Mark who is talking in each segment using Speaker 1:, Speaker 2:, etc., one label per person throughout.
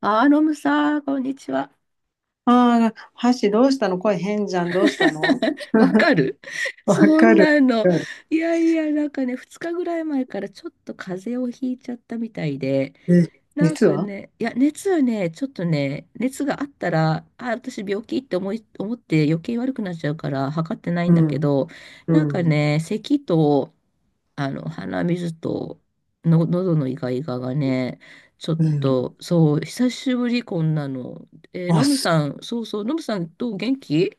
Speaker 1: ロムさん、こんにちは。
Speaker 2: ああ、箸どうしたの、声変じゃん、どうしたの。
Speaker 1: わ かる
Speaker 2: わ
Speaker 1: そ
Speaker 2: か
Speaker 1: ん
Speaker 2: る、
Speaker 1: なの。
Speaker 2: わかる。
Speaker 1: いやいや、なんかね、2日ぐらい前からちょっと風邪をひいちゃったみたいで、
Speaker 2: え、
Speaker 1: なん
Speaker 2: 実
Speaker 1: か
Speaker 2: は、
Speaker 1: ね、いや、熱はね、ちょっとね、熱があったら、あ、私病気って思って余計悪くなっちゃうから測ってない
Speaker 2: う
Speaker 1: んだけ
Speaker 2: ん、
Speaker 1: ど、
Speaker 2: う
Speaker 1: なんか
Speaker 2: ん、
Speaker 1: ね、咳と、鼻水との、喉のイガイガがね、ちょっ
Speaker 2: うん。
Speaker 1: と、そう、久しぶり、こんなの。
Speaker 2: あ、
Speaker 1: ノム
Speaker 2: す
Speaker 1: さん、そうそう、ノムさん、どう元気？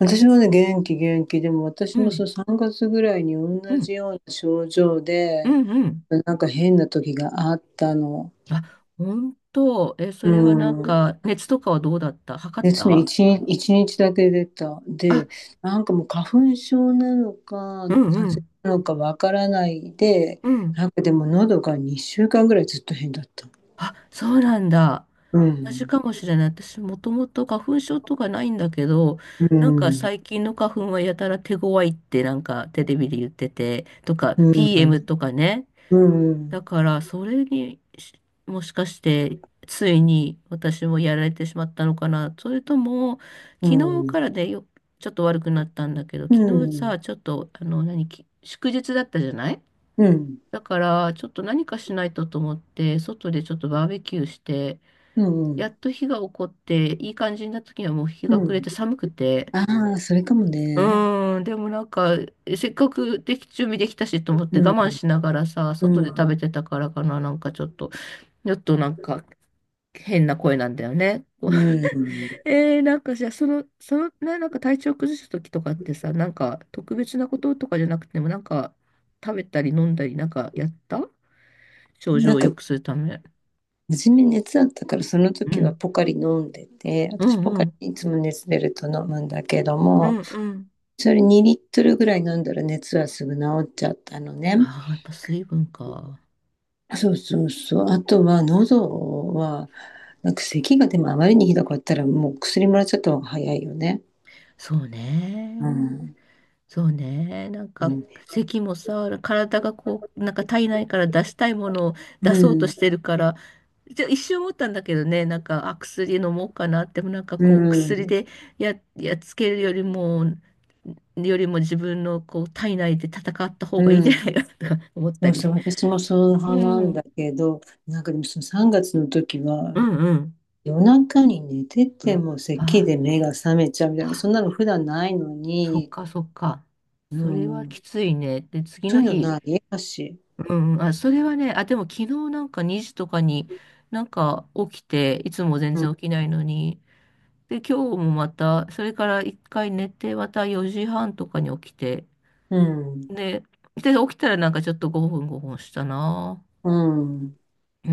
Speaker 2: 私もね、元気、元気。でも私
Speaker 1: う
Speaker 2: もそ
Speaker 1: ん、
Speaker 2: う3月ぐらいに
Speaker 1: う
Speaker 2: 同
Speaker 1: ん、
Speaker 2: じような症状
Speaker 1: う
Speaker 2: で、
Speaker 1: ん、うん。
Speaker 2: なんか変な時があったの。
Speaker 1: あ、本当。え、そ
Speaker 2: う
Speaker 1: れはなん
Speaker 2: ん。
Speaker 1: か、熱とかはどうだった？測っ
Speaker 2: 別に
Speaker 1: た？
Speaker 2: 一日だけ出た。
Speaker 1: あ、
Speaker 2: で、なんかもう花粉症なのか、
Speaker 1: うん、
Speaker 2: 風
Speaker 1: う
Speaker 2: 邪
Speaker 1: ん、
Speaker 2: なのかわからないで、
Speaker 1: うん。
Speaker 2: なんかでも喉が2週間ぐらいずっと変だった。
Speaker 1: あ、そうなんだ。
Speaker 2: う
Speaker 1: 同じ
Speaker 2: ん、
Speaker 1: かもしれない。私もともと花粉症とかないんだけど、
Speaker 2: う
Speaker 1: なんか
Speaker 2: ん、
Speaker 1: 最近の花粉はやたら手強いってなんかテレビで言ってて、とか
Speaker 2: うん、
Speaker 1: PM とかね。
Speaker 2: うん、う
Speaker 1: だ
Speaker 2: ん、
Speaker 1: からそれにしもしかしてついに私もやられてしまったのかな。それとも
Speaker 2: う
Speaker 1: 昨日
Speaker 2: ん、
Speaker 1: からでよ、ちょっと悪くなったんだけど、
Speaker 2: う
Speaker 1: 昨日
Speaker 2: ん、
Speaker 1: さ、ちょっとあの何、き祝日だったじゃない？だからちょっと何かしないとと思って、外でちょっとバーベキューして、
Speaker 2: う
Speaker 1: や
Speaker 2: ん、
Speaker 1: っと日が起こって、いい感じになった時にはもう日
Speaker 2: う
Speaker 1: が暮れ
Speaker 2: ん。
Speaker 1: て寒くて、
Speaker 2: ああ、それかも
Speaker 1: う
Speaker 2: ね。
Speaker 1: ーん、でもなんか、せっかくでき、準備できたしと思っ
Speaker 2: う
Speaker 1: て我慢
Speaker 2: ん、
Speaker 1: しながらさ、
Speaker 2: う
Speaker 1: 外で食
Speaker 2: ん、
Speaker 1: べてたからかな、なんかちょっと、ちょっとなんか変な声なんだよね。
Speaker 2: うん。
Speaker 1: なんかじゃあ、その、ね、なんか体調崩した時とかってさ、なんか特別なこととかじゃなくても、なんか食べたり飲んだりなんかやった症状
Speaker 2: なん
Speaker 1: を良
Speaker 2: か、
Speaker 1: くするため。
Speaker 2: 初め熱あったから、その
Speaker 1: う
Speaker 2: 時は
Speaker 1: ん。
Speaker 2: ポカリ飲んでて、
Speaker 1: う
Speaker 2: 私ポ
Speaker 1: んう
Speaker 2: カ
Speaker 1: ん。
Speaker 2: リいつも熱出ると飲むんだけど
Speaker 1: う
Speaker 2: も、
Speaker 1: んうん。
Speaker 2: それ2リットルぐらい飲んだら熱はすぐ治っちゃったのね。
Speaker 1: ああ、やっぱ水分か。
Speaker 2: そうそうそう。あとは喉は、なんか咳が、でもあまりにひどかったらもう薬もらっちゃった方が早いよね。
Speaker 1: そう
Speaker 2: う
Speaker 1: ね。
Speaker 2: ん、
Speaker 1: そうね。なん
Speaker 2: う
Speaker 1: か、
Speaker 2: ん、
Speaker 1: 咳もさ、体がこう、なんか体内から出したいものを出
Speaker 2: う
Speaker 1: そう
Speaker 2: ん、
Speaker 1: としてるから、じゃ一瞬思ったんだけどね、なんか、あ、薬飲もうかなって、でもなんか
Speaker 2: う
Speaker 1: こう、薬
Speaker 2: ん、
Speaker 1: でやっつけるよりも、よりも自分のこう、体内で戦った方がいい
Speaker 2: う
Speaker 1: んじゃ
Speaker 2: ん。
Speaker 1: ないかとか思っ
Speaker 2: そ
Speaker 1: た
Speaker 2: う
Speaker 1: り。
Speaker 2: そう、私もそう
Speaker 1: う
Speaker 2: 派なんだ
Speaker 1: ん。
Speaker 2: けど、なんかでもその3月の時は、
Speaker 1: うんうん。
Speaker 2: 夜中に寝てても咳
Speaker 1: あ
Speaker 2: で目が覚めちゃうみたいな、
Speaker 1: あ、
Speaker 2: そんなの普段ないの
Speaker 1: そっ
Speaker 2: に。
Speaker 1: かそっか。
Speaker 2: う
Speaker 1: それはき
Speaker 2: ん、
Speaker 1: ついね。で、次
Speaker 2: そ
Speaker 1: の
Speaker 2: ういうの
Speaker 1: 日、
Speaker 2: ないだし、
Speaker 1: うんあ、それはね、あ、でも昨日なんか2時とかになんか起きて、いつも全
Speaker 2: うん、
Speaker 1: 然起きないのに。で、今日もまた、それから一回寝て、また4時半とかに起きて。
Speaker 2: うん、
Speaker 1: で、で、起きたらなんかちょっと5分5分したな。
Speaker 2: うん、
Speaker 1: うー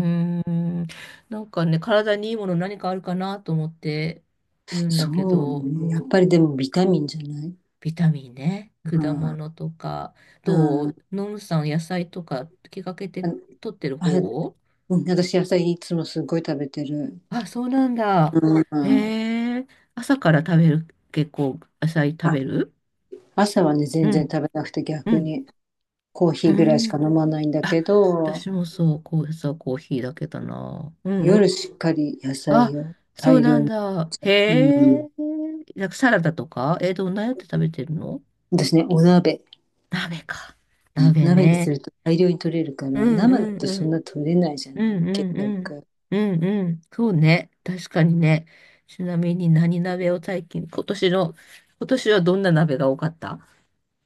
Speaker 1: ん。なんかね、体にいいもの何かあるかなと思ってるんだ
Speaker 2: そ
Speaker 1: け
Speaker 2: う
Speaker 1: ど、
Speaker 2: ね、やっぱりでもビタミンじゃない？
Speaker 1: ビタミンね、
Speaker 2: う
Speaker 1: 果
Speaker 2: ん、
Speaker 1: 物とか、
Speaker 2: う
Speaker 1: ど
Speaker 2: ん、あ、
Speaker 1: うノムさん野菜とか気がけて取ってる
Speaker 2: あれ、
Speaker 1: 方？
Speaker 2: うん、私野菜いつもすごい食べてる。
Speaker 1: あ、そうなんだ。
Speaker 2: う
Speaker 1: へ
Speaker 2: ん、
Speaker 1: え、朝から食べる？結構野菜
Speaker 2: あ、
Speaker 1: 食べる？
Speaker 2: 朝はね、
Speaker 1: う
Speaker 2: 全然
Speaker 1: ん、
Speaker 2: 食べなくて
Speaker 1: う
Speaker 2: 逆
Speaker 1: ん、
Speaker 2: にコー
Speaker 1: う
Speaker 2: ヒーぐらいし
Speaker 1: ん。
Speaker 2: か飲まないんだ
Speaker 1: あ、
Speaker 2: けど、
Speaker 1: 私もそう、こう、朝コーヒーだけだな。うんう
Speaker 2: 夜
Speaker 1: ん。
Speaker 2: しっかり野
Speaker 1: あ、
Speaker 2: 菜を
Speaker 1: そ
Speaker 2: 大
Speaker 1: うな
Speaker 2: 量
Speaker 1: ん
Speaker 2: に。
Speaker 1: だ。へ
Speaker 2: うん。
Speaker 1: え、なんかサラダとかえ、どんなやって食べてるの？
Speaker 2: 私ね、お鍋。
Speaker 1: 鍋か。鍋
Speaker 2: 鍋にす
Speaker 1: ね。
Speaker 2: ると大量に取れるから、
Speaker 1: うん
Speaker 2: 生だ
Speaker 1: うん
Speaker 2: と
Speaker 1: う
Speaker 2: そん
Speaker 1: ん。
Speaker 2: な取れないじゃ
Speaker 1: う
Speaker 2: ない
Speaker 1: ん
Speaker 2: 結
Speaker 1: うんうん。
Speaker 2: 局。
Speaker 1: うんうん。そうね。確かにね。ちなみに何鍋を最近、今年の、今年はどんな鍋が多かった？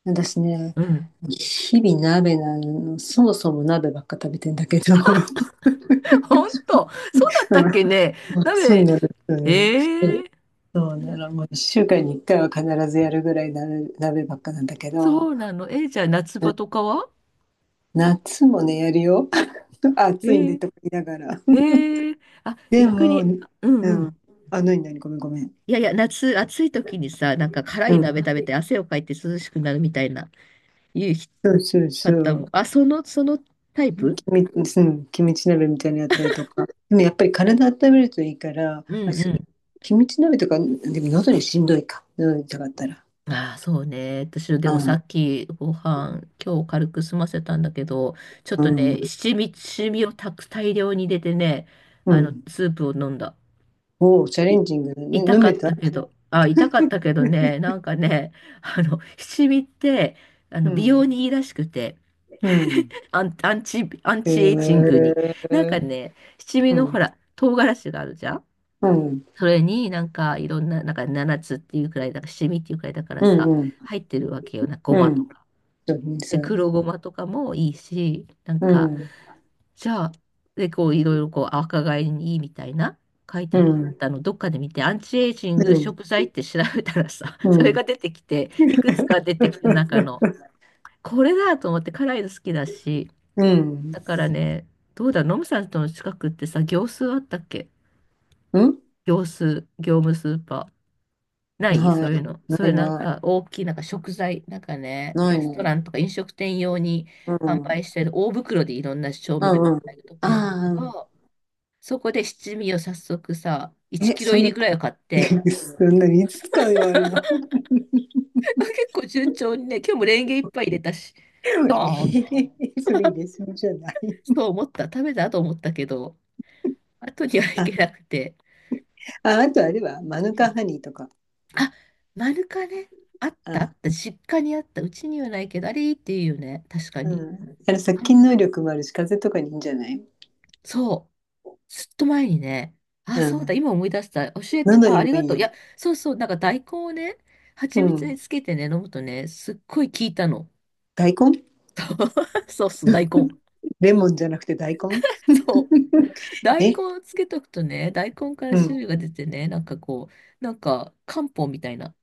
Speaker 2: 私ね、
Speaker 1: うん。
Speaker 2: 日々鍋なの、そもそも鍋ばっか食べてんだけど。
Speaker 1: 本当、そうだったっけね。
Speaker 2: うん、そう
Speaker 1: 鍋、
Speaker 2: なんです、うん、
Speaker 1: ええ
Speaker 2: そうなの、もう1週間に1回は必ずやるぐらい鍋、鍋ばっかなんだけ
Speaker 1: そ
Speaker 2: ど、
Speaker 1: うなの。えーじゃあ夏場とかは？
Speaker 2: 夏もね、やるよ。あ、
Speaker 1: え
Speaker 2: 暑いんで
Speaker 1: ー、
Speaker 2: とか言いながら。
Speaker 1: えーあ、
Speaker 2: で
Speaker 1: 逆
Speaker 2: も、う
Speaker 1: に、
Speaker 2: ん。
Speaker 1: うんうん。
Speaker 2: あ、なになに、ごめんごめん。
Speaker 1: いやいや、夏、暑い時にさ、なんか辛
Speaker 2: う
Speaker 1: い
Speaker 2: ん。
Speaker 1: 鍋食べて汗をかいて涼しくなるみたいな、いう
Speaker 2: そうそうそ
Speaker 1: 方
Speaker 2: う。
Speaker 1: も。あ、そのタイプ？
Speaker 2: うん、キムチ鍋みたいなのやったりとか。でもやっぱり体温めるといいから、
Speaker 1: うんうん。
Speaker 2: キムチ鍋とか、でも喉にしんどいか。喉痛かったら。
Speaker 1: ああ、そうね。私、で
Speaker 2: う
Speaker 1: もさ
Speaker 2: ん、
Speaker 1: っきご飯、今日軽く済ませたんだけど、ちょっ
Speaker 2: う
Speaker 1: と
Speaker 2: ん、
Speaker 1: ね、七味をたく大量に入れてね、
Speaker 2: う
Speaker 1: あの、
Speaker 2: ん。
Speaker 1: スープを飲んだ。
Speaker 2: おお、チャレ
Speaker 1: い、
Speaker 2: ンジングだね、飲めた？
Speaker 1: 痛かったけどね、なんかね、あの、七味って、あ
Speaker 2: う
Speaker 1: の、美容に
Speaker 2: ん、
Speaker 1: いいらしくて、
Speaker 2: うん。
Speaker 1: アン
Speaker 2: へ
Speaker 1: チエイジングに。なんか
Speaker 2: え。
Speaker 1: ね、七味
Speaker 2: う
Speaker 1: のほ
Speaker 2: ん、
Speaker 1: ら、唐辛子があるじゃん。
Speaker 2: うん、
Speaker 1: それになんかいろんな、なんか7つっていうくらい、なんか七味っていうくらいだから
Speaker 2: う
Speaker 1: さ、
Speaker 2: ん、うん。
Speaker 1: 入ってるわけよな、ご
Speaker 2: う
Speaker 1: まと
Speaker 2: ん。
Speaker 1: か。
Speaker 2: そうね、
Speaker 1: で、
Speaker 2: そうね。
Speaker 1: 黒ごまとかもいいし、なん
Speaker 2: う
Speaker 1: か、
Speaker 2: ん、
Speaker 1: じゃあ、で、こう、いろいろこう、若返りにいいみたいな、書いてあ
Speaker 2: う
Speaker 1: っ
Speaker 2: ん。
Speaker 1: たの、どっかで見て、アンチエイジン
Speaker 2: う
Speaker 1: グ
Speaker 2: ん、
Speaker 1: 食材って調べたらさ、
Speaker 2: う
Speaker 1: それ
Speaker 2: ん。
Speaker 1: が出てきて、いくつか出てきて、中の、これだと思って、辛いの好きだし、
Speaker 2: うん。
Speaker 1: だからね、どうだ、ノムさんとの近くってさ、業数あったっけ？
Speaker 2: うん？
Speaker 1: 業数業務スーパー。ない
Speaker 2: な
Speaker 1: そ
Speaker 2: い。
Speaker 1: ういうの。そう
Speaker 2: な
Speaker 1: い
Speaker 2: い
Speaker 1: うなん
Speaker 2: ない。
Speaker 1: か大きいなんか食材、なんかね、
Speaker 2: ない
Speaker 1: レスト
Speaker 2: ね。
Speaker 1: ランとか飲食店用に
Speaker 2: う
Speaker 1: 販
Speaker 2: ん。
Speaker 1: 売し
Speaker 2: う
Speaker 1: てる大袋でいろんな調味料
Speaker 2: んうん。
Speaker 1: 買えるとこ
Speaker 2: あ
Speaker 1: なんだ
Speaker 2: あ、
Speaker 1: け
Speaker 2: うんうん、
Speaker 1: ど、そこで七味を早速さ、
Speaker 2: ないないないないね、うんうんうん、ああ、
Speaker 1: 1
Speaker 2: え、
Speaker 1: キロ
Speaker 2: そん
Speaker 1: 入り
Speaker 2: な
Speaker 1: ぐらいを買って、
Speaker 2: そんなにいつ使うよ、あれは。
Speaker 1: 結構順調にね、今日もレンゲ一杯入れたし、ドーンって、
Speaker 2: それ入れすぎじゃない？
Speaker 1: そう思った。食べたと思ったけど、後にはいけ
Speaker 2: あ、
Speaker 1: なくて。
Speaker 2: あ、あとあれはマヌ
Speaker 1: う
Speaker 2: カ
Speaker 1: ん
Speaker 2: ハニーとか。
Speaker 1: あ、マヌカね。あっ
Speaker 2: あ
Speaker 1: たあ
Speaker 2: あ、
Speaker 1: った。実家にあった。うちにはないけど、あれいいっていうよね。確か
Speaker 2: う
Speaker 1: に。
Speaker 2: ん。あれ殺
Speaker 1: あ
Speaker 2: 菌能力もあるし、風邪とかにいいんじゃない？
Speaker 1: そう。ずっと前にね、
Speaker 2: う
Speaker 1: あ、そうだ、
Speaker 2: ん。
Speaker 1: 今思い出した。教えて、
Speaker 2: 喉
Speaker 1: あ、
Speaker 2: に
Speaker 1: あ
Speaker 2: も
Speaker 1: り
Speaker 2: い
Speaker 1: が
Speaker 2: い
Speaker 1: とう。
Speaker 2: よ。
Speaker 1: いや、そうそう、なんか大根をね、
Speaker 2: う
Speaker 1: 蜂蜜に
Speaker 2: ん。
Speaker 1: つけてね、飲むとね、すっごい効いたの。
Speaker 2: 大根？
Speaker 1: そうそう、大根。
Speaker 2: レモンじゃなくて大根？
Speaker 1: そう。大根
Speaker 2: え、
Speaker 1: をつけとくとね、大根から
Speaker 2: うん。
Speaker 1: 汁が出てね、なんかこう、なんか漢方みたいな。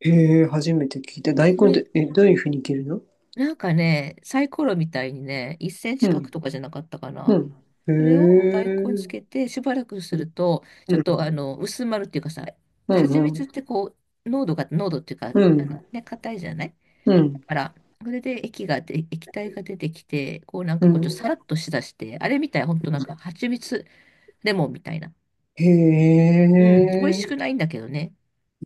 Speaker 2: へえ、初めて聞いた。大
Speaker 1: そ
Speaker 2: 根っ
Speaker 1: れ、
Speaker 2: て、え、どういうふうに切るの？
Speaker 1: なんかね、サイコロみたいにね、1センチ
Speaker 2: う
Speaker 1: 角
Speaker 2: ん、
Speaker 1: とかじゃなかったか
Speaker 2: う
Speaker 1: な。
Speaker 2: ん。へえ、
Speaker 1: それを大根につ
Speaker 2: う
Speaker 1: けてしばらくすると、ちょっとあ
Speaker 2: ん、
Speaker 1: の薄まるっていうかさ、
Speaker 2: う
Speaker 1: 蜂
Speaker 2: ん、う
Speaker 1: 蜜
Speaker 2: ん、
Speaker 1: ってこう、濃度っていうか、
Speaker 2: う
Speaker 1: あ
Speaker 2: ん、
Speaker 1: のね、硬いじゃない？
Speaker 2: う
Speaker 1: だ
Speaker 2: ん、
Speaker 1: から、それで液体が出てきて、こうなん
Speaker 2: う
Speaker 1: かこうちょっと
Speaker 2: ん、
Speaker 1: さらっとしだして、あれみたい、ほんとなんか蜂蜜レモンみたいな。
Speaker 2: へ
Speaker 1: うん、美味しく
Speaker 2: え、
Speaker 1: ないんだけどね。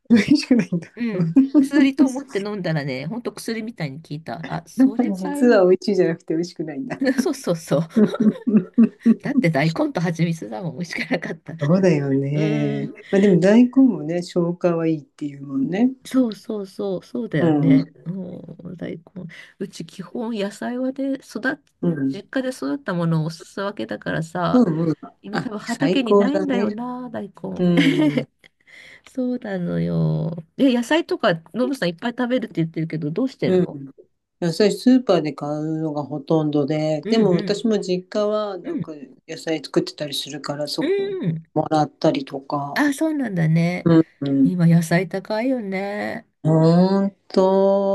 Speaker 2: 美味しくないんだ。
Speaker 1: う ん。薬と思って飲んだらね、ほんと薬みたいに効いた。あ、それが
Speaker 2: 実
Speaker 1: い
Speaker 2: は
Speaker 1: い。
Speaker 2: 美味しいじゃなくて美味しくないんだ。
Speaker 1: そうそうそう。だって大根と蜂蜜だもん、美味しくなかった。
Speaker 2: そうだよ
Speaker 1: う
Speaker 2: ね。
Speaker 1: ん。
Speaker 2: まあ、でも大根もね、消化はいいっていうもんね。
Speaker 1: そうそうそう、そうだ
Speaker 2: う
Speaker 1: よ
Speaker 2: ん、うん、
Speaker 1: ね。もう大根。うち基本野菜はで育っ、
Speaker 2: う
Speaker 1: 実
Speaker 2: ん、
Speaker 1: 家で育ったものをおすすわけだからさ、
Speaker 2: うん。
Speaker 1: 今多
Speaker 2: あ、
Speaker 1: 分
Speaker 2: 最
Speaker 1: 畑に
Speaker 2: 高
Speaker 1: ない
Speaker 2: だ
Speaker 1: んだよ
Speaker 2: ね。
Speaker 1: な、大根。
Speaker 2: うん、
Speaker 1: そうなのよ。え、野菜とか、ノブさんいっぱい食べるって言ってるけど、どうしてる
Speaker 2: うん、
Speaker 1: の？
Speaker 2: 野菜スーパーで買うのがほとんどで、
Speaker 1: うん
Speaker 2: で
Speaker 1: う
Speaker 2: も私
Speaker 1: ん
Speaker 2: も実家は
Speaker 1: う
Speaker 2: なん
Speaker 1: ん、
Speaker 2: か野菜作ってたりするから、そ
Speaker 1: う
Speaker 2: こ
Speaker 1: ん。
Speaker 2: もらったりとか。
Speaker 1: あ、そうなんだね。
Speaker 2: うんうん。
Speaker 1: 今野菜高いよね。
Speaker 2: ほん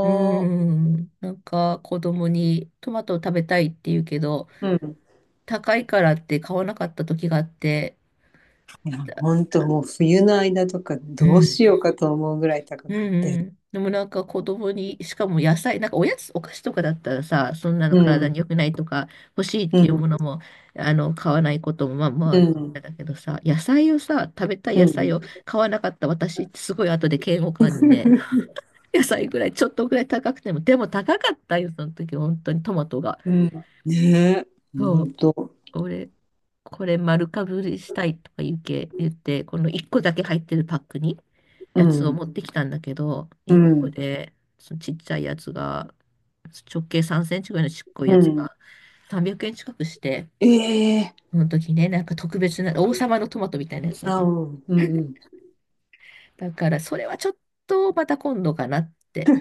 Speaker 1: うーん。なんか子供にトマトを食べたいって言うけど、
Speaker 2: うん。
Speaker 1: 高いからって買わなかった時があって、
Speaker 2: いや、
Speaker 1: だ
Speaker 2: ほんともう冬の間とか
Speaker 1: う
Speaker 2: どう
Speaker 1: ん、
Speaker 2: しようかと思うぐらい高
Speaker 1: う
Speaker 2: く
Speaker 1: んう
Speaker 2: て。
Speaker 1: ん。でもなんか子供に、しかも野菜、なんかおやつ、お菓子とかだったらさ、そんなの
Speaker 2: う
Speaker 1: 体
Speaker 2: ん、
Speaker 1: に良くないとか、欲しいっ
Speaker 2: う
Speaker 1: ていう
Speaker 2: ん、
Speaker 1: ものも、あの、買わないことも、まあま
Speaker 2: うん、
Speaker 1: あ、だけどさ、野菜をさ、食べたい
Speaker 2: う
Speaker 1: 野菜
Speaker 2: ん。
Speaker 1: を買わなかった私ってすごい後で嫌悪感にね、野菜ぐらい、ちょっとぐらい高くても、でも高かったよ、その時、本当にトマトが。
Speaker 2: うん。ねえ、ほ
Speaker 1: そ
Speaker 2: ん
Speaker 1: う
Speaker 2: と。
Speaker 1: 俺、これ丸かぶりしたいとか言うけ、言って、この1個だけ入ってるパックに
Speaker 2: う
Speaker 1: やつを
Speaker 2: ん、
Speaker 1: 持ってきたんだけど、
Speaker 2: う
Speaker 1: 1個
Speaker 2: ん、
Speaker 1: で、そのちっちゃいやつが、直径3センチぐらいのちっこい
Speaker 2: う
Speaker 1: やつ
Speaker 2: ん。
Speaker 1: が300円近くして、
Speaker 2: ええ、
Speaker 1: その時ね、なんか特別な、王様のトマトみたいなやつだっ
Speaker 2: あ、
Speaker 1: た
Speaker 2: う
Speaker 1: の。
Speaker 2: ん、うん、うん。
Speaker 1: だから、それはちょっとまた今度かなって。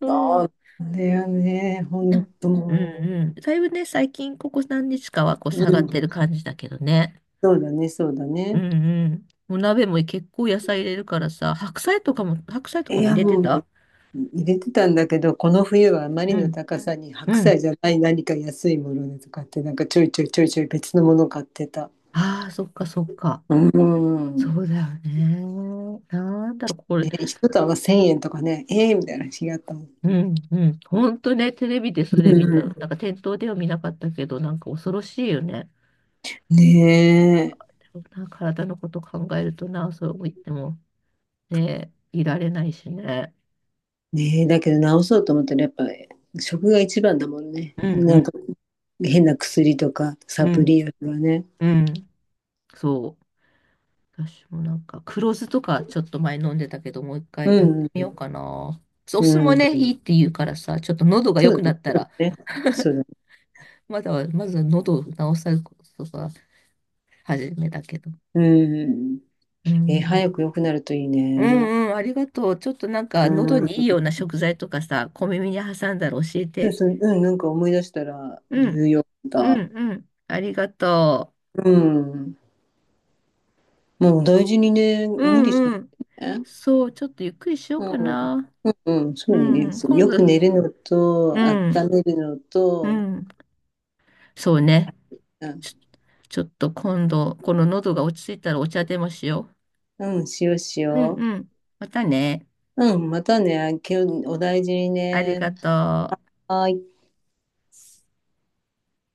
Speaker 1: うん。
Speaker 2: あれはね、ほ
Speaker 1: で
Speaker 2: ん
Speaker 1: も
Speaker 2: と
Speaker 1: うん
Speaker 2: も
Speaker 1: うん。だいぶね、最近ここ何日かはこう
Speaker 2: う、
Speaker 1: 下が
Speaker 2: う
Speaker 1: ってる
Speaker 2: ん、
Speaker 1: 感じだけどね。
Speaker 2: そうだね、そうだ
Speaker 1: うん
Speaker 2: ね。
Speaker 1: うん。お鍋も結構野菜入れるからさ、白菜とか
Speaker 2: い
Speaker 1: も入
Speaker 2: や、
Speaker 1: れて
Speaker 2: もう、
Speaker 1: た？
Speaker 2: 入れてたんだけど、この冬はあまり
Speaker 1: う
Speaker 2: の
Speaker 1: ん。
Speaker 2: 高さに白
Speaker 1: う
Speaker 2: 菜
Speaker 1: ん。
Speaker 2: じゃない何か安いものでとかって、なんかちょいちょいちょいちょい別のもの買ってた。
Speaker 1: ああ、そっかそっか。
Speaker 2: う
Speaker 1: そう
Speaker 2: ん。
Speaker 1: だよね。なんだろう、これ。
Speaker 2: ね、一束1000円とかね、ええみたいな日があったもん。
Speaker 1: うんうん。ほんとね、テレビでそ
Speaker 2: う
Speaker 1: れ見た。なん
Speaker 2: ん、
Speaker 1: か店頭では見なかったけど、なんか恐ろしいよね。
Speaker 2: ねえ、
Speaker 1: でもな体のこと考えるとな、そう言ってもね、いられないしね。
Speaker 2: ねえ、だけど直そうと思ったらやっぱ食が一番だもんね。
Speaker 1: うんう
Speaker 2: な
Speaker 1: ん
Speaker 2: んか変な薬とかサ
Speaker 1: う
Speaker 2: プ
Speaker 1: ん
Speaker 2: リよりはね。
Speaker 1: うん。そう。私もなんか、黒酢とかちょっと前飲んでたけど、もう一
Speaker 2: う
Speaker 1: 回やって
Speaker 2: ん、
Speaker 1: みようかな。お
Speaker 2: う
Speaker 1: 酢も
Speaker 2: ん、
Speaker 1: ね、
Speaker 2: う
Speaker 1: いいっ
Speaker 2: ん。
Speaker 1: て言うからさ、ちょっと喉が
Speaker 2: そ
Speaker 1: 良
Speaker 2: う
Speaker 1: くなった
Speaker 2: だ
Speaker 1: ら、
Speaker 2: ね、そうだね。そうだね。
Speaker 1: まだは、まずは喉を治さることが始めだけど。
Speaker 2: うん。
Speaker 1: うん。
Speaker 2: 早く良くなるといい
Speaker 1: う
Speaker 2: ね。
Speaker 1: んうん、ありがとう。ちょっとなん
Speaker 2: う
Speaker 1: か、喉
Speaker 2: ん。
Speaker 1: にいいような食材とかさ、小耳に挟んだら教え
Speaker 2: そう
Speaker 1: て。
Speaker 2: そう、うん、なんか思い出したら、ニ
Speaker 1: う
Speaker 2: ュー
Speaker 1: ん、
Speaker 2: ヨーク
Speaker 1: う
Speaker 2: だ。
Speaker 1: ん、うん。ありがと
Speaker 2: うん。もう大事にね、
Speaker 1: う。う
Speaker 2: 無理しな
Speaker 1: ん
Speaker 2: い
Speaker 1: うん。
Speaker 2: でね。
Speaker 1: そう、ちょっとゆっくりしよう
Speaker 2: う
Speaker 1: か
Speaker 2: ん。
Speaker 1: な。
Speaker 2: うん、そ
Speaker 1: う
Speaker 2: うだ
Speaker 1: ん
Speaker 2: ね。
Speaker 1: うん、
Speaker 2: そう、
Speaker 1: 今
Speaker 2: よく
Speaker 1: 度、
Speaker 2: 寝るのと、
Speaker 1: う
Speaker 2: 温
Speaker 1: ん、
Speaker 2: めるの
Speaker 1: う
Speaker 2: と、
Speaker 1: ん。そうね。
Speaker 2: うん、
Speaker 1: ちょちょっと今度、この喉が落ち着いたらお茶でもしよ
Speaker 2: うん、しようし
Speaker 1: う。うん
Speaker 2: よ
Speaker 1: うん。またね。
Speaker 2: う。うん、またね、今日お大事に
Speaker 1: ありが
Speaker 2: ね。
Speaker 1: とう。
Speaker 2: はーい。